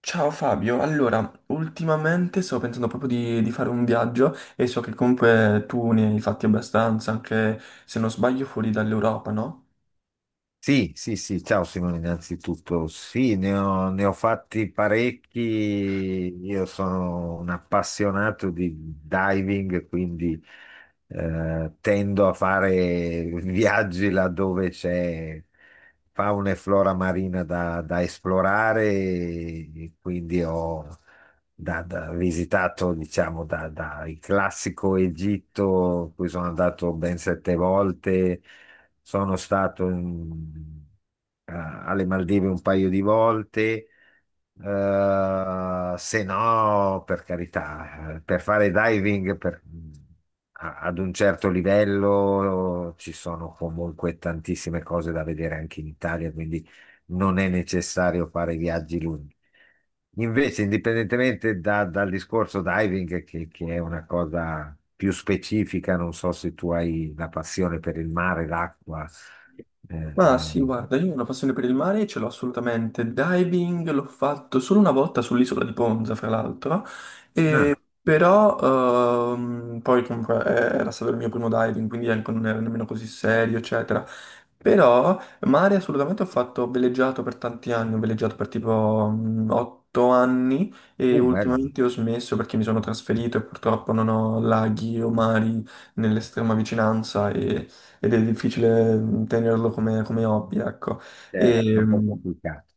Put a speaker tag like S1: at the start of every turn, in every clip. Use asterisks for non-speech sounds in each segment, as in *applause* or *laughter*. S1: Ciao Fabio, allora, ultimamente sto pensando proprio di fare un viaggio e so che comunque tu ne hai fatti abbastanza, anche se non sbaglio fuori dall'Europa, no?
S2: Sì, sì, sì, ciao Simone, innanzitutto sì, ne ho fatti parecchi. Io sono un appassionato di diving, quindi tendo a fare *laughs* viaggi laddove c'è fauna e flora marina da esplorare, e quindi ho visitato, diciamo, da il classico Egitto, in cui sono andato ben sette volte. Sono stato in- a- alle Maldive un paio di volte. Se no, per carità, per fare diving ad un certo livello ci sono comunque tantissime cose da vedere anche in Italia, quindi non è necessario fare viaggi lunghi. Invece, indipendentemente dal discorso diving, che è una cosa più specifica, non so se tu hai la passione per il mare, l'acqua. eh,
S1: Ma sì,
S2: eh,
S1: guarda, io ho una passione per il mare e ce l'ho assolutamente. Diving l'ho fatto solo una volta sull'isola di Ponza, fra l'altro,
S2: ah,
S1: però poi comunque era stato il mio primo diving, quindi anche non era nemmeno così serio, eccetera. Però mare assolutamente ho fatto, ho veleggiato per tanti anni, ho veleggiato per tipo 8 anni e
S2: bello,
S1: ultimamente ho smesso perché mi sono trasferito e purtroppo non ho laghi o mari nell'estrema vicinanza ed è difficile tenerlo come hobby, ecco. Certo.
S2: certo,
S1: E,
S2: un po'
S1: mh,
S2: complicato.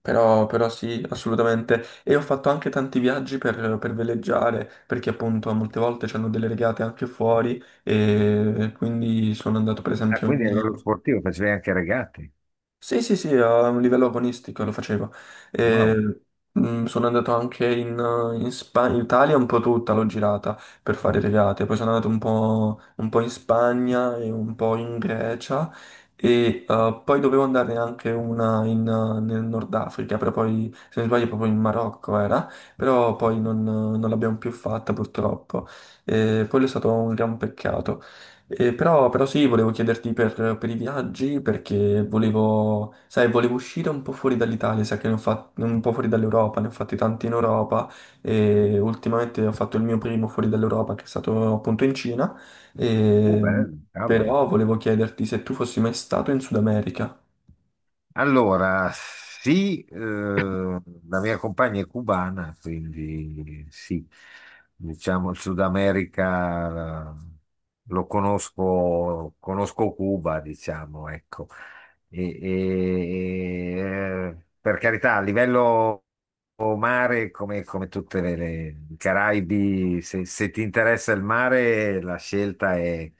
S1: però sì, assolutamente. E ho fatto anche tanti viaggi per veleggiare, perché appunto molte volte c'hanno delle regate anche fuori, e quindi sono andato per
S2: Ah,
S1: esempio in.
S2: quindi a livello sportivo facevi anche regate.
S1: Sì, sì, sì, a un livello agonistico lo facevo.
S2: Wow.
S1: E, sono andato anche in Italia un po' tutta, l'ho girata per fare
S2: Mm.
S1: regate. Poi sono andato un po' in Spagna e un po' in Grecia e poi dovevo andare anche una in, nel Nord Africa, però poi, se non sbaglio, proprio in Marocco era, però poi non l'abbiamo più fatta purtroppo. E quello è stato un gran peccato. Però sì, volevo chiederti per i viaggi perché volevo, sai, volevo uscire un po' fuori dall'Italia, sai che ne ho fatti un po' fuori dall'Europa, ne ho fatti tanti in Europa e ultimamente ho fatto il mio primo fuori dall'Europa che è stato appunto in Cina, e,
S2: Bello, cavolo.
S1: però volevo chiederti se tu fossi mai stato in Sud America.
S2: Allora, sì, la mia compagna è cubana, quindi sì, diciamo il Sud America, lo conosco, conosco Cuba, diciamo, ecco. Per carità, a livello mare, come tutte i Caraibi, se ti interessa il mare, la scelta è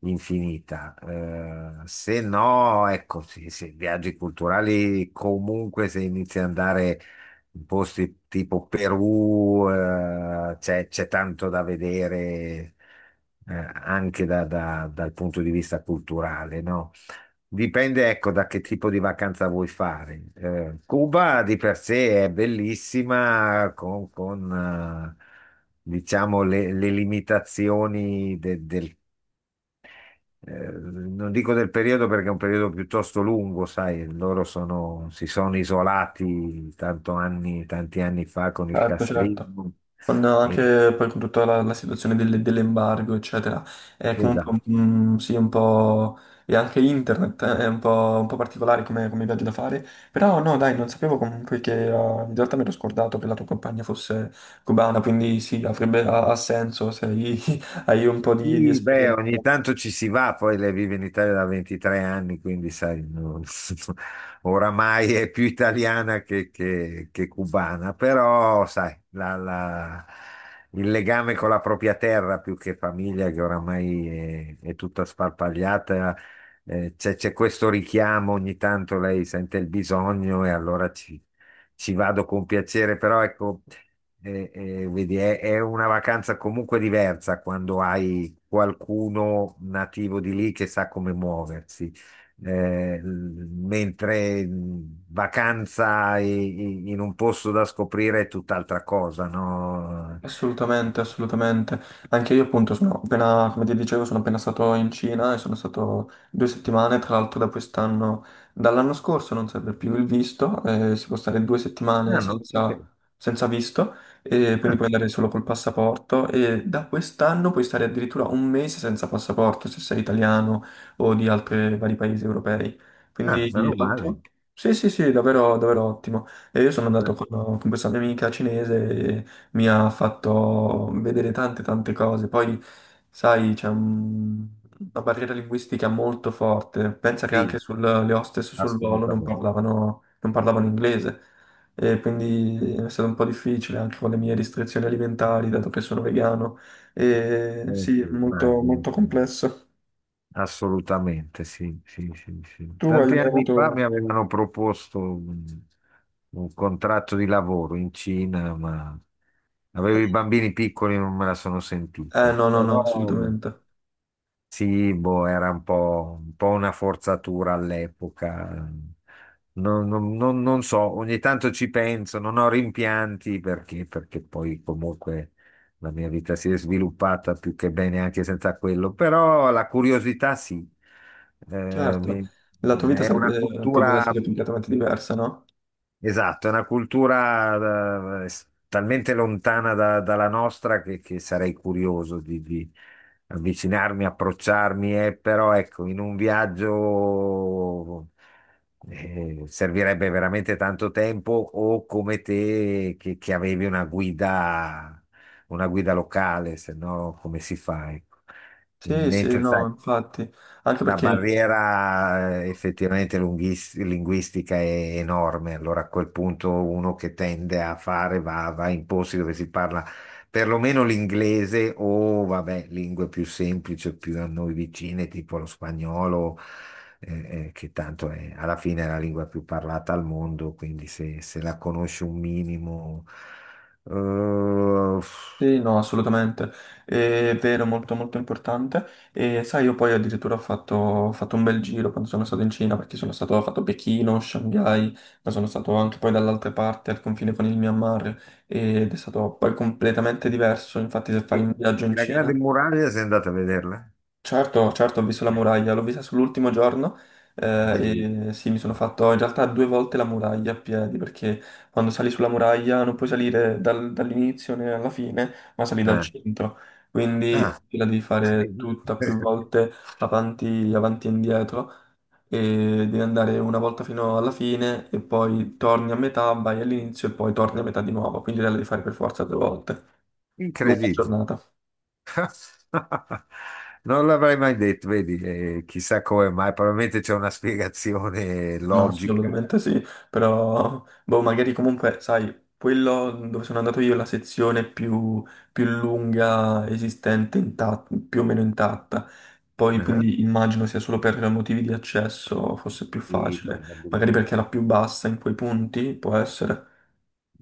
S2: infinita. Se no, ecco, sì, sì, viaggi culturali comunque se inizi ad andare in posti tipo Perù, c'è tanto da vedere, anche dal punto di vista culturale, no? Dipende, ecco, da che tipo di vacanza vuoi fare. Cuba di per sé è bellissima con, diciamo, le limitazioni del, non dico del periodo, perché è un periodo piuttosto lungo, sai, loro si sono isolati tanti anni fa con il
S1: Certo, certo.
S2: castrismo.
S1: Con
S2: E-
S1: anche poi con tutta la situazione dell'embargo, eccetera. È comunque
S2: esatto.
S1: un, sì, un po'. E anche internet è un po' particolare come viaggio da fare. Però no, dai, non sapevo comunque che in realtà mi ero scordato che la tua compagna fosse cubana, quindi sì, ha senso se hai *laughs* hai un po' di
S2: Sì, beh,
S1: esperienza.
S2: ogni tanto ci si va, poi lei vive in Italia da 23 anni, quindi sai, *laughs* oramai è più italiana che cubana, però sai, il legame con la propria terra più che famiglia, che oramai è tutta sparpagliata, c'è questo richiamo, ogni tanto lei sente il bisogno e allora ci vado con piacere, però ecco. Vedi, è una vacanza comunque diversa quando hai qualcuno nativo di lì che sa come muoversi. Mentre vacanza in un posto da scoprire è tutt'altra cosa, no?
S1: Assolutamente, assolutamente. Anche io appunto sono appena, come ti dicevo, sono appena stato in Cina e sono stato 2 settimane, tra l'altro da quest'anno, dall'anno scorso non serve più il visto, si può stare 2 settimane
S2: Ah, non lo
S1: senza,
S2: sapevo.
S1: senza visto e quindi
S2: Ah,
S1: puoi andare solo col passaporto e da quest'anno puoi stare addirittura un mese senza passaporto se sei italiano o di altri vari paesi europei.
S2: ah,
S1: Quindi
S2: meno male.
S1: ottimo. Sì, sì, sì, davvero, davvero ottimo. E io sono andato
S2: Ah,
S1: con questa mia amica cinese mi ha fatto vedere tante tante cose. Poi, sai, c'è una barriera linguistica molto forte. Pensa che
S2: sì,
S1: anche le hostess sul volo non
S2: assolutamente.
S1: parlavano, non parlavano inglese. E quindi è stato un po' difficile anche con le mie restrizioni alimentari, dato che sono vegano. E sì,
S2: Sì,
S1: molto,
S2: immagino.
S1: molto
S2: Sì.
S1: complesso.
S2: Assolutamente, sì, sì, sì, sì.
S1: Tu hai
S2: Tanti
S1: mai
S2: anni
S1: avuto.
S2: fa mi avevano proposto un contratto di lavoro in Cina, ma avevo i bambini piccoli e non me la sono sentita.
S1: No, no, no,
S2: Però
S1: assolutamente.
S2: sì, boh, era un po' una forzatura all'epoca. Non so, ogni tanto ci penso, non ho rimpianti, perché poi comunque la mia vita si è sviluppata più che bene anche senza quello, però la curiosità sì. Eh,
S1: Certo,
S2: mi-
S1: la tua vita
S2: è una
S1: sarebbe potuta
S2: cultura.
S1: essere completamente diversa, no?
S2: Esatto, è una cultura, talmente lontana dalla nostra che sarei curioso di avvicinarmi, approcciarmi, però ecco, in un viaggio servirebbe veramente tanto tempo, o come te che avevi una guida locale, se no come si fa? Ecco.
S1: Sì, sì,
S2: Mentre
S1: no,
S2: sai.
S1: infatti. Anche
S2: La
S1: perché
S2: barriera, effettivamente, linguistica è enorme, allora a quel punto uno che tende a fare va in posti dove si parla perlomeno l'inglese o, vabbè, lingue più semplici, più a noi vicine, tipo lo spagnolo, che tanto è, alla fine, è la lingua più parlata al mondo, quindi se la conosci un minimo. eh,
S1: sì, no, assolutamente, è vero, molto molto importante. E sai, io poi addirittura ho fatto un bel giro quando sono stato in Cina, perché sono stato, ho fatto Pechino, Shanghai, ma sono stato anche poi dall'altra parte, al confine con il Myanmar, ed è stato poi completamente diverso. Infatti, se
S2: e,
S1: fai un viaggio
S2: e
S1: in
S2: la
S1: Cina,
S2: Grande Muraglia, sei andata a vederla?
S1: certo, certo, ho visto la muraglia, l'ho vista sull'ultimo giorno
S2: Bellissima.
S1: e sì, mi sono fatto in realtà due volte la muraglia a piedi perché quando sali sulla muraglia non puoi salire dall'inizio né alla fine, ma sali dal
S2: Ah.
S1: centro,
S2: Ah.
S1: quindi la devi fare tutta più volte avanti, avanti e indietro e devi andare una volta fino alla fine e poi torni a metà, vai all'inizio e poi torni a metà di nuovo, quindi la devi fare per forza due volte. Lunga
S2: Incredibile.
S1: giornata.
S2: *laughs* Non l'avrei mai detto, vedi, chissà come mai, probabilmente c'è una spiegazione
S1: Ma
S2: logica.
S1: assolutamente sì, però boh, magari comunque, sai, quello dove sono andato io è la sezione più lunga esistente, intatta, più o meno intatta. Poi
S2: Ah,
S1: quindi immagino sia solo per motivi di accesso fosse più
S2: sì,
S1: facile, magari perché è
S2: probabilmente.
S1: la più bassa in quei punti, può essere.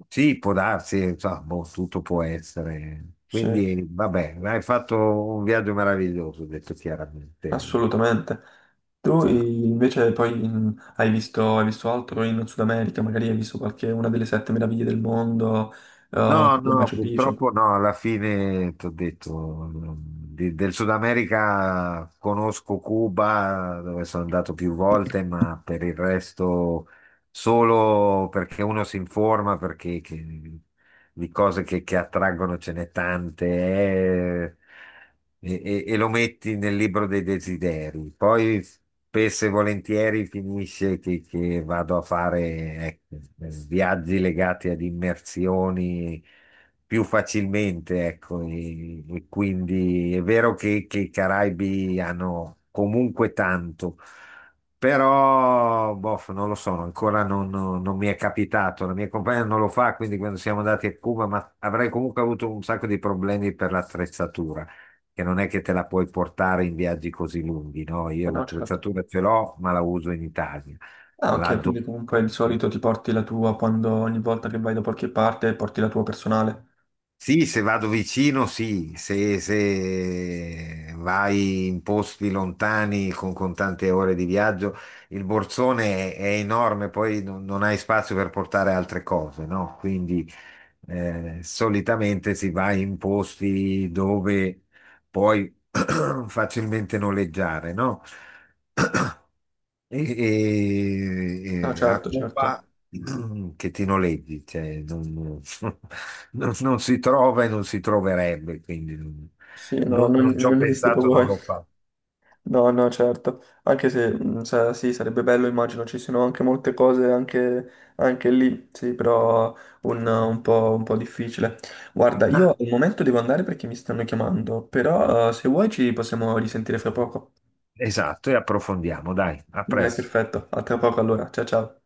S2: Sì, può darsi, insomma, boh, tutto può essere.
S1: Sì,
S2: Quindi, vabbè, hai fatto un viaggio meraviglioso, ho detto chiaramente.
S1: assolutamente. Tu invece poi hai visto altro in Sud America, magari hai visto qualche una delle sette meraviglie del mondo,
S2: No,
S1: tipo
S2: no,
S1: Machu Picchu.
S2: purtroppo no, alla fine ti ho detto, del Sud America conosco Cuba, dove sono andato più volte, ma per il resto solo perché uno si informa, perché di cose che attraggono ce n'è tante, e, e lo metti nel libro dei desideri. Poi spesso e volentieri finisce che vado a fare, ecco, viaggi legati ad immersioni più facilmente, ecco, e quindi è vero che i Caraibi hanno comunque tanto. Però, boh, non lo so, ancora non mi è capitato. La mia compagna non lo fa, quindi quando siamo andati a Cuba, ma avrei comunque avuto un sacco di problemi per l'attrezzatura, che non è che te la puoi portare in viaggi così lunghi, no? Io
S1: Eh no, certo.
S2: l'attrezzatura ce l'ho, ma la uso in Italia.
S1: Ah,
S2: La
S1: ok, quindi
S2: do-
S1: comunque di solito ti porti la tua quando ogni volta che vai da qualche parte porti la tua personale.
S2: Sì, se vado vicino, sì, se vai in posti lontani con tante ore di viaggio, il borsone è enorme, poi non hai spazio per portare altre cose, no? Quindi, solitamente si va in posti dove puoi *clears throat* facilmente noleggiare, no? *clears throat*
S1: No,
S2: E a
S1: certo, certo.
S2: Cuba *clears throat* che ti noleggi, cioè, *laughs* non si trova e non si troverebbe, quindi
S1: Sì, no, non,
S2: non ci ho
S1: non esiste
S2: pensato,
S1: proprio.
S2: non l'ho
S1: *laughs*
S2: fatto.
S1: No, no, certo. Anche se, sì, sarebbe bello, immagino, ci siano anche molte cose anche, anche lì, sì, però un po' difficile. Guarda, io
S2: Ah,
S1: al momento devo andare perché mi stanno chiamando, però se vuoi ci possiamo risentire fra poco.
S2: esatto, e approfondiamo, dai, a
S1: Dai,
S2: presto.
S1: perfetto. A tra poco allora. Ciao, ciao.